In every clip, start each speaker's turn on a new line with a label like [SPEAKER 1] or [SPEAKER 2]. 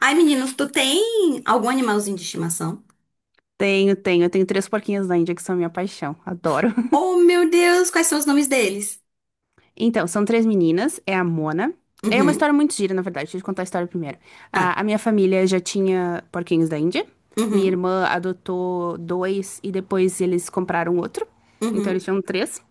[SPEAKER 1] Ai, meninos, tu tem algum animalzinho de estimação?
[SPEAKER 2] Tenho, tenho. Eu tenho três porquinhas da Índia que são minha paixão. Adoro.
[SPEAKER 1] Oh, meu Deus, quais são os nomes deles?
[SPEAKER 2] Então, são três meninas. É a Mona. É uma
[SPEAKER 1] Uhum.
[SPEAKER 2] história muito gira, na verdade. Deixa eu te contar a história primeiro.
[SPEAKER 1] Ah.
[SPEAKER 2] A minha família já tinha porquinhos da Índia. Minha
[SPEAKER 1] Uhum.
[SPEAKER 2] irmã adotou dois e depois eles compraram outro. Então, eles
[SPEAKER 1] Uhum.
[SPEAKER 2] tinham três.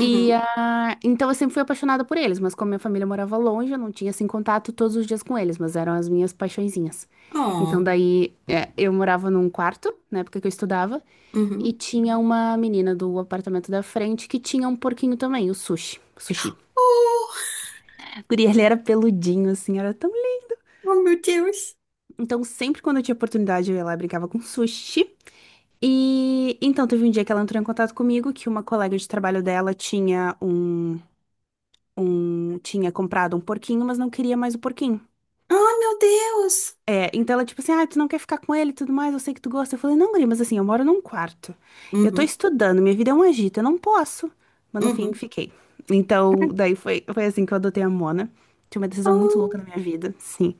[SPEAKER 2] E então eu sempre fui apaixonada por eles, mas como minha família morava longe, eu não tinha assim contato todos os dias com eles, mas eram as minhas paixõezinhas. Então
[SPEAKER 1] Oh.
[SPEAKER 2] daí é, eu morava num quarto, na época que eu estudava, e
[SPEAKER 1] Uhum.
[SPEAKER 2] tinha uma menina do apartamento da frente que tinha um porquinho também, o Sushi. Sushi.
[SPEAKER 1] Oh,
[SPEAKER 2] A guria, ele era peludinho, assim, era tão lindo.
[SPEAKER 1] oh meu Deus.
[SPEAKER 2] Então, sempre quando eu tinha oportunidade, eu ia lá e brincava com o Sushi. E então, teve um dia que ela entrou em contato comigo, que uma colega de trabalho dela tinha tinha comprado um porquinho, mas não queria mais o porquinho.
[SPEAKER 1] Oh, meu Deus.
[SPEAKER 2] É, então ela, tipo assim, ah, tu não quer ficar com ele e tudo mais, eu sei que tu gosta. Eu falei, não, guria, mas assim, eu moro num quarto. Eu tô
[SPEAKER 1] Uhum.
[SPEAKER 2] estudando, minha vida é um agito, eu não posso. Mas no fim,
[SPEAKER 1] Uhum.
[SPEAKER 2] fiquei. Então, daí foi assim que eu adotei a Mona. Tinha uma decisão muito louca
[SPEAKER 1] Oh.
[SPEAKER 2] na minha vida, sim.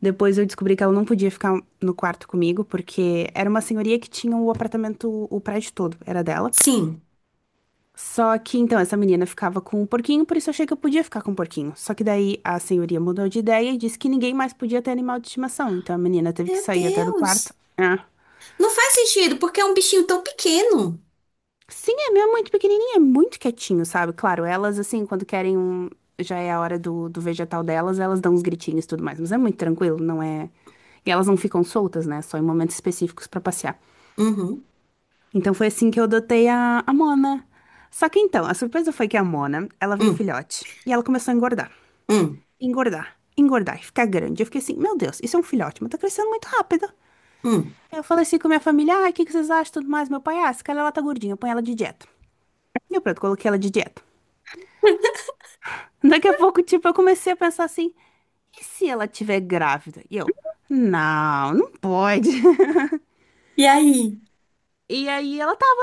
[SPEAKER 2] Depois eu descobri que ela não podia ficar no quarto comigo, porque era uma senhoria que tinha o apartamento, o prédio todo, era dela.
[SPEAKER 1] Sim.
[SPEAKER 2] Só que então essa menina ficava com um porquinho, por isso eu achei que eu podia ficar com um porquinho. Só que daí a senhoria mudou de ideia e disse que ninguém mais podia ter animal de estimação. Então a menina teve que
[SPEAKER 1] Meu
[SPEAKER 2] sair até do quarto.
[SPEAKER 1] Deus.
[SPEAKER 2] É.
[SPEAKER 1] Não faz sentido, porque é um bichinho tão pequeno.
[SPEAKER 2] Sim, é meu, é muito pequenininho, é muito quietinho, sabe? Claro, elas assim, quando querem um. Já é a hora do vegetal delas, elas dão uns gritinhos e tudo mais. Mas é muito tranquilo, não é. E elas não ficam soltas, né? Só em momentos específicos pra passear.
[SPEAKER 1] Uhum.
[SPEAKER 2] Então foi assim que eu adotei a Mona. Só que então, a surpresa foi que a Mona, ela veio
[SPEAKER 1] Hum.
[SPEAKER 2] filhote e ela começou a engordar.
[SPEAKER 1] Hum.
[SPEAKER 2] Engordar, engordar e ficar grande. Eu fiquei assim, meu Deus, isso é um filhote, mas tá crescendo muito rápido.
[SPEAKER 1] Hum.
[SPEAKER 2] Aí eu falei assim com minha família, ai, o que que vocês acham e tudo mais? Meu pai, ah, essa cara ela tá gordinha, põe ela de dieta. E eu pronto, coloquei ela de dieta. Daqui a pouco, tipo, eu comecei a pensar assim, e se ela tiver grávida? E eu, não, não pode.
[SPEAKER 1] E aí?
[SPEAKER 2] E aí ela tava.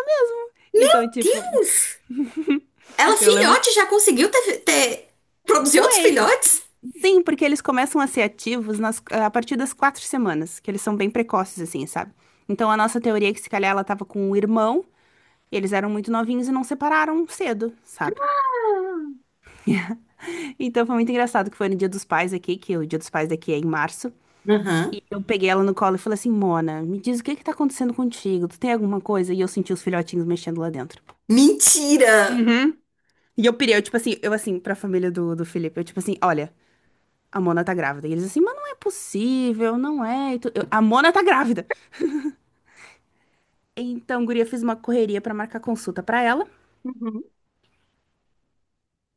[SPEAKER 1] Meu
[SPEAKER 2] Então, tipo,
[SPEAKER 1] Deus! Ela
[SPEAKER 2] eu lembro,
[SPEAKER 1] filhote já conseguiu produzir outros
[SPEAKER 2] pois.
[SPEAKER 1] filhotes?
[SPEAKER 2] Sim, porque eles começam a ser ativos a partir das 4 semanas, que eles são bem precoces, assim, sabe? Então, a nossa teoria é que se calhar ela tava com um irmão, e eles eram muito novinhos e não separaram cedo, sabe?
[SPEAKER 1] Ah.
[SPEAKER 2] Então foi muito engraçado que foi no Dia dos Pais aqui, que o Dia dos Pais daqui é em março.
[SPEAKER 1] Aham.
[SPEAKER 2] E eu peguei ela no colo e falei assim, Mona, me diz o que é que tá acontecendo contigo? Tu tem alguma coisa? E eu senti os filhotinhos mexendo lá dentro.
[SPEAKER 1] Mentira!
[SPEAKER 2] Uhum. E eu pirei, eu tipo assim, eu assim, pra família do Felipe, eu tipo assim, olha, a Mona tá grávida. E eles assim, mas não é possível, não é. E eu, a Mona tá grávida. Então, guria, fiz uma correria pra marcar consulta pra ela.
[SPEAKER 1] Uhum.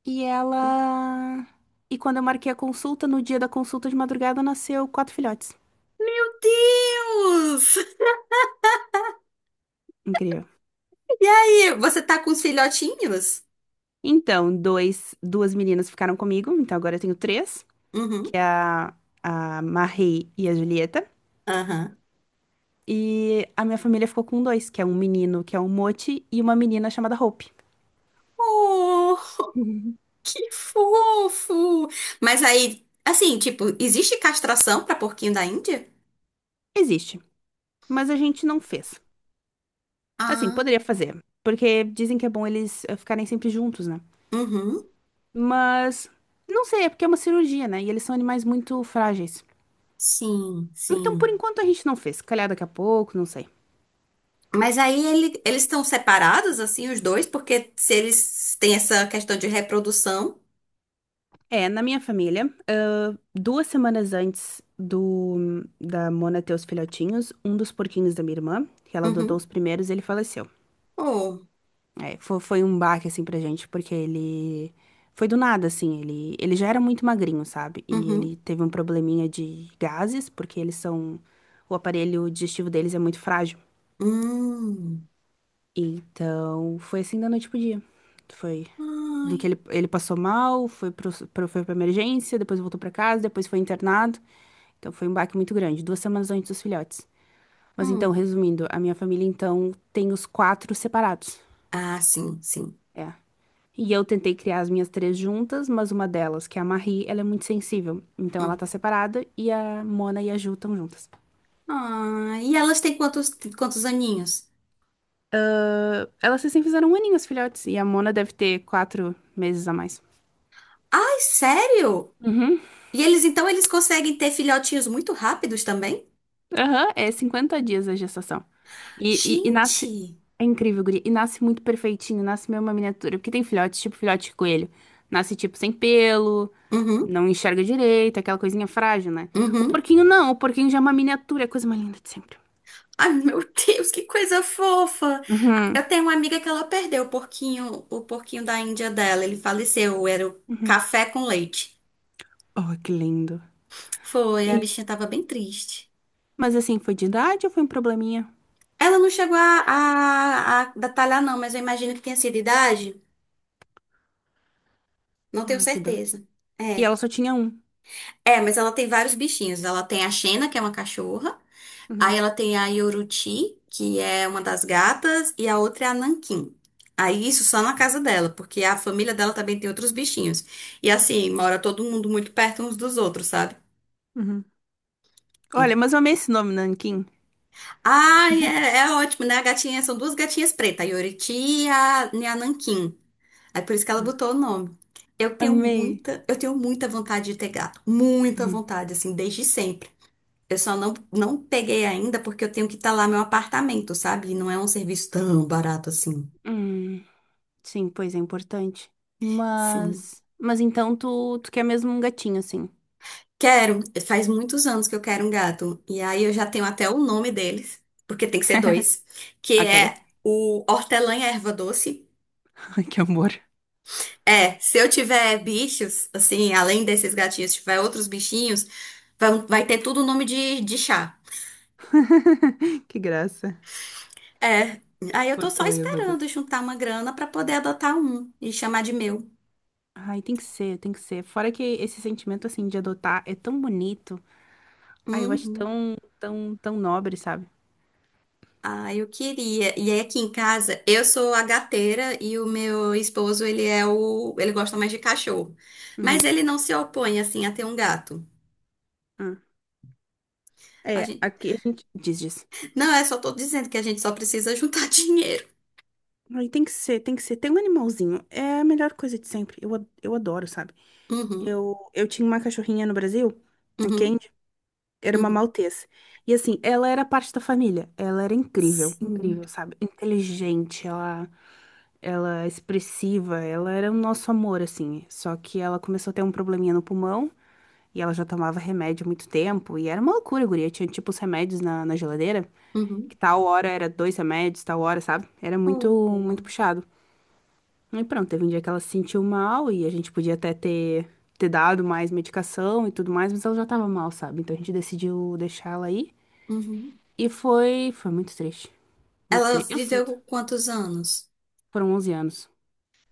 [SPEAKER 2] E ela. E quando eu marquei a consulta, no dia da consulta de madrugada, nasceu quatro filhotes.
[SPEAKER 1] Meu Deus!
[SPEAKER 2] Incrível.
[SPEAKER 1] E aí, você tá com os filhotinhos?
[SPEAKER 2] Então, dois, duas meninas ficaram comigo, então agora eu tenho três,
[SPEAKER 1] Uhum.
[SPEAKER 2] que é a Marie e a Julieta.
[SPEAKER 1] Aham.
[SPEAKER 2] E a minha família ficou com dois, que é um menino, que é o Moti, e uma menina chamada Hope.
[SPEAKER 1] Oh, que fofo! Mas aí, assim, tipo, existe castração pra porquinho da Índia?
[SPEAKER 2] Existe, mas a gente não fez. Assim,
[SPEAKER 1] Ah,
[SPEAKER 2] poderia fazer, porque dizem que é bom eles ficarem sempre juntos, né?
[SPEAKER 1] uhum.
[SPEAKER 2] Mas não sei, é porque é uma cirurgia, né? E eles são animais muito frágeis.
[SPEAKER 1] Sim,
[SPEAKER 2] Então, por
[SPEAKER 1] sim.
[SPEAKER 2] enquanto, a gente não fez. Se calhar daqui a pouco, não sei.
[SPEAKER 1] Mas aí ele- eles estão separados, assim, os dois, porque se eles têm essa questão de reprodução.
[SPEAKER 2] É, na minha família, 2 semanas antes do da Mona ter os filhotinhos, um dos porquinhos da minha irmã, que ela adotou
[SPEAKER 1] Uhum.
[SPEAKER 2] os primeiros, ele faleceu.
[SPEAKER 1] Oh,
[SPEAKER 2] É, foi um baque, assim, pra gente, porque ele... Foi do nada, assim, ele já era muito magrinho, sabe? E ele
[SPEAKER 1] uhum.
[SPEAKER 2] teve um probleminha de gases, porque eles são... O aparelho digestivo deles é muito frágil.
[SPEAKER 1] Hum.
[SPEAKER 2] Então, foi assim da noite pro dia. Foi
[SPEAKER 1] Ai.
[SPEAKER 2] do que ele passou mal, foi foi pra emergência, depois voltou pra casa, depois foi internado. Então, foi um baque muito grande, 2 semanas antes dos filhotes. Mas então,
[SPEAKER 1] Hum.
[SPEAKER 2] resumindo, a minha família, então, tem os quatro separados.
[SPEAKER 1] Ah, sim, sim.
[SPEAKER 2] É. E eu tentei criar as minhas três juntas, mas uma delas, que é a Marie, ela é muito sensível. Então, ela
[SPEAKER 1] Hum.
[SPEAKER 2] tá separada e a Mona e a Ju estão juntas.
[SPEAKER 1] Ah, e elas têm quantos, quantos aninhos?
[SPEAKER 2] Elas recém fizeram um aninho, as filhotes, e a Mona deve ter 4 meses a mais.
[SPEAKER 1] Ai, sério?
[SPEAKER 2] Uhum.
[SPEAKER 1] E eles, então, eles conseguem ter filhotinhos muito rápidos também?
[SPEAKER 2] Aham, é 50 dias a gestação. E nasce.
[SPEAKER 1] Gente!
[SPEAKER 2] É incrível, guria. E nasce muito perfeitinho, nasce meio uma miniatura. Porque tem filhotes, tipo filhote de coelho. Nasce, tipo, sem pelo,
[SPEAKER 1] Uhum,
[SPEAKER 2] não enxerga direito, aquela coisinha frágil, né? O
[SPEAKER 1] uhum.
[SPEAKER 2] porquinho não, o porquinho já é uma miniatura, é a coisa mais linda de sempre.
[SPEAKER 1] Ai, meu Deus, que coisa fofa! Eu tenho uma amiga que ela perdeu o porquinho da Índia dela. Ele faleceu, era o café com leite.
[SPEAKER 2] Oh, que lindo.
[SPEAKER 1] Foi, a
[SPEAKER 2] E...
[SPEAKER 1] bichinha tava bem triste.
[SPEAKER 2] Mas assim, foi de idade ou foi um probleminha?
[SPEAKER 1] Ela não chegou a detalhar, não, mas eu imagino que tenha sido idade. Não tenho
[SPEAKER 2] Ai, que dó.
[SPEAKER 1] certeza.
[SPEAKER 2] E ela
[SPEAKER 1] É.
[SPEAKER 2] só tinha um.
[SPEAKER 1] É, mas ela tem vários bichinhos. Ela tem a Xena, que é uma cachorra.
[SPEAKER 2] Uhum,
[SPEAKER 1] Aí ela tem a Yoruti, que é uma das gatas. E a outra é a Nanquim. Aí isso só na casa dela, porque a família dela também tem outros bichinhos. E assim, mora todo mundo muito perto uns dos outros, sabe?
[SPEAKER 2] uhum. Olha, mas eu amei esse nome, Nanquim.
[SPEAKER 1] Ai, é, é ótimo, né? A gatinha, são duas gatinhas pretas, a Yoriti e a Nanquim. É por isso que ela botou o nome. Eu tenho
[SPEAKER 2] Amei.
[SPEAKER 1] muita, eu tenho muita vontade de ter gato. Muita vontade, assim, desde sempre. Eu só não peguei ainda porque eu tenho que talar meu apartamento, sabe? E não é um serviço tão barato assim.
[SPEAKER 2] Hum. Sim, pois é importante.
[SPEAKER 1] Sim.
[SPEAKER 2] Mas. Então tu, tu quer mesmo um gatinho, assim.
[SPEAKER 1] Quero. Faz muitos anos que eu quero um gato. E aí eu já tenho até o nome deles, porque tem que ser dois, que
[SPEAKER 2] Ok.
[SPEAKER 1] é o hortelã e a erva doce.
[SPEAKER 2] Ai, que amor.
[SPEAKER 1] É, se eu tiver bichos, assim, além desses gatinhos, se tiver outros bichinhos, vai ter tudo o nome de chá.
[SPEAKER 2] Que graça.
[SPEAKER 1] É. Aí eu tô só
[SPEAKER 2] Hortelã e erva
[SPEAKER 1] esperando
[SPEAKER 2] doce.
[SPEAKER 1] juntar uma grana pra poder adotar um e chamar de meu.
[SPEAKER 2] Ai, tem que ser, tem que ser. Fora que esse sentimento, assim, de adotar é tão bonito. Ai, eu acho
[SPEAKER 1] Uhum.
[SPEAKER 2] tão, tão, tão nobre, sabe?
[SPEAKER 1] Ah, eu queria. E aí aqui em casa, eu sou a gateira e o meu esposo, ele gosta mais de cachorro. Mas
[SPEAKER 2] Uhum.
[SPEAKER 1] ele não se opõe assim a ter um gato.
[SPEAKER 2] Uhum.
[SPEAKER 1] A
[SPEAKER 2] É,
[SPEAKER 1] gente...
[SPEAKER 2] aqui a gente diz, diz.
[SPEAKER 1] Não, é só tô dizendo que a gente só precisa juntar dinheiro.
[SPEAKER 2] Ai, tem que ser, tem que ser. Tem um animalzinho. É a melhor coisa de sempre. Eu, eu adoro, sabe?
[SPEAKER 1] Uhum,
[SPEAKER 2] Eu tinha uma cachorrinha no Brasil, ok?
[SPEAKER 1] uhum,
[SPEAKER 2] Era uma
[SPEAKER 1] uhum.
[SPEAKER 2] maltese. E assim, ela era parte da família. Ela era incrível,
[SPEAKER 1] Sim.
[SPEAKER 2] incrível, sabe? Inteligente, ela é expressiva, ela era o nosso amor, assim. Só que ela começou a ter um probleminha no pulmão e ela já tomava remédio há muito tempo. E era uma loucura, guria. Tinha tipo os remédios na geladeira, que
[SPEAKER 1] Uhum.
[SPEAKER 2] tal hora era dois remédios, tal hora, sabe? Era muito, muito
[SPEAKER 1] Oh,
[SPEAKER 2] puxado. E pronto, teve um dia que ela se sentiu mal e a gente podia até ter, dado mais medicação e tudo mais, mas ela já tava mal, sabe? Então a gente decidiu deixar ela aí.
[SPEAKER 1] uhum.
[SPEAKER 2] E foi muito triste. Muito
[SPEAKER 1] Ela
[SPEAKER 2] triste. Eu
[SPEAKER 1] viveu
[SPEAKER 2] sinto.
[SPEAKER 1] com quantos anos?
[SPEAKER 2] Foram 11 anos.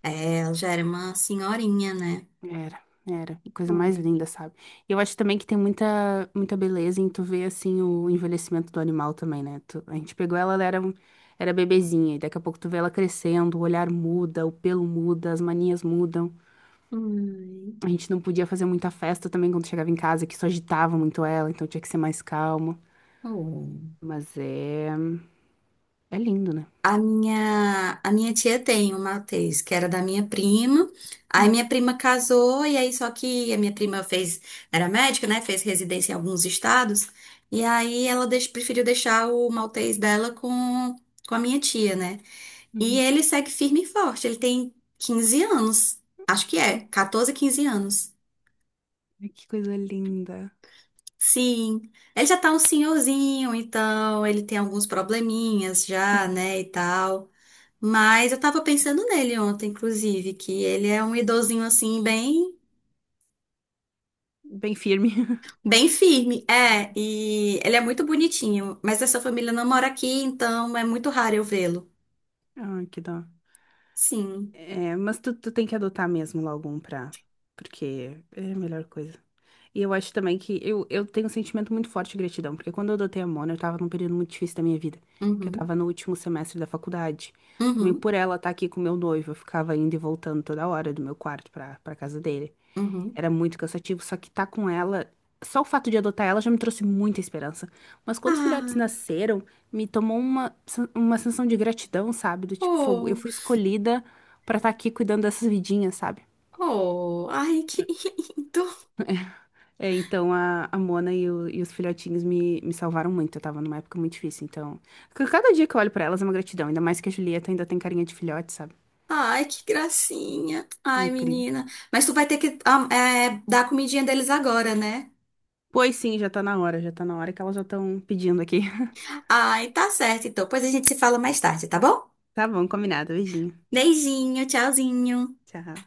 [SPEAKER 1] É, ela já era uma senhorinha, né?
[SPEAKER 2] Era, era. A coisa mais
[SPEAKER 1] Hum.
[SPEAKER 2] linda, sabe? E eu acho também que tem muita, muita beleza em tu ver, assim, o envelhecimento do animal também, né? A gente pegou ela, ela era, era bebezinha. E daqui a pouco tu vê ela crescendo, o olhar muda, o pelo muda, as manias mudam.
[SPEAKER 1] Ai.
[SPEAKER 2] A gente não podia fazer muita festa também quando chegava em casa, que só agitava muito ela, então tinha que ser mais calmo.
[SPEAKER 1] Oh.
[SPEAKER 2] Mas é, é lindo, né?
[SPEAKER 1] A minha tia tem um Matheus, que era da minha prima. Aí
[SPEAKER 2] Hum,
[SPEAKER 1] minha prima casou, e aí só que a minha prima fez, era médica, né? Fez residência em alguns estados. E aí ela preferiu deixar o Maltês dela com a minha tia, né? E
[SPEAKER 2] uhum,
[SPEAKER 1] ele segue firme e forte. Ele tem 15 anos. Acho que é,
[SPEAKER 2] uhum.
[SPEAKER 1] 14, 15 anos.
[SPEAKER 2] Ai, que coisa linda.
[SPEAKER 1] Sim. Ele já tá um senhorzinho, então ele tem alguns probleminhas já, né? E tal. Mas eu tava pensando nele ontem, inclusive, que ele é um idosinho assim, bem,
[SPEAKER 2] Bem firme.
[SPEAKER 1] bem firme. É, e ele é muito bonitinho, mas essa família não mora aqui, então é muito raro eu vê-lo.
[SPEAKER 2] Ai, que dó.
[SPEAKER 1] Sim.
[SPEAKER 2] É, mas tu, tu tem que adotar mesmo logo um pra. Porque é a melhor coisa. E eu acho também que eu, tenho um sentimento muito forte de gratidão, porque quando eu adotei a Mona, eu tava num período muito difícil da minha vida, que eu
[SPEAKER 1] Uhum.
[SPEAKER 2] tava no último semestre da faculdade. Também
[SPEAKER 1] Uhum.
[SPEAKER 2] por ela estar aqui com meu noivo, eu ficava indo e voltando toda hora do meu quarto pra, casa dele.
[SPEAKER 1] Uhum.
[SPEAKER 2] Era muito cansativo, só que tá com ela. Só o fato de adotar ela já me trouxe muita esperança. Mas quando os filhotes
[SPEAKER 1] Ah,
[SPEAKER 2] nasceram, me tomou uma sensação de gratidão, sabe? Do tipo, fogo. Eu
[SPEAKER 1] oh,
[SPEAKER 2] fui escolhida pra estar aqui cuidando dessas vidinhas, sabe?
[SPEAKER 1] oh, ai, que lindo.
[SPEAKER 2] É, então a Mona e, e os filhotinhos me salvaram muito. Eu tava numa época muito difícil, então. Cada dia que eu olho pra elas é uma gratidão, ainda mais que a Julieta ainda tem carinha de filhote, sabe?
[SPEAKER 1] Ai, que gracinha. Ai,
[SPEAKER 2] Incrível.
[SPEAKER 1] menina. Mas tu vai ter que é, dar a comidinha deles agora, né?
[SPEAKER 2] Pois sim, já tá na hora, já tá na hora que elas já estão pedindo aqui.
[SPEAKER 1] Ai, tá certo, então. Pois a gente se fala mais tarde, tá bom?
[SPEAKER 2] Tá bom, combinado. Beijinho.
[SPEAKER 1] Beijinho, tchauzinho.
[SPEAKER 2] Tchau.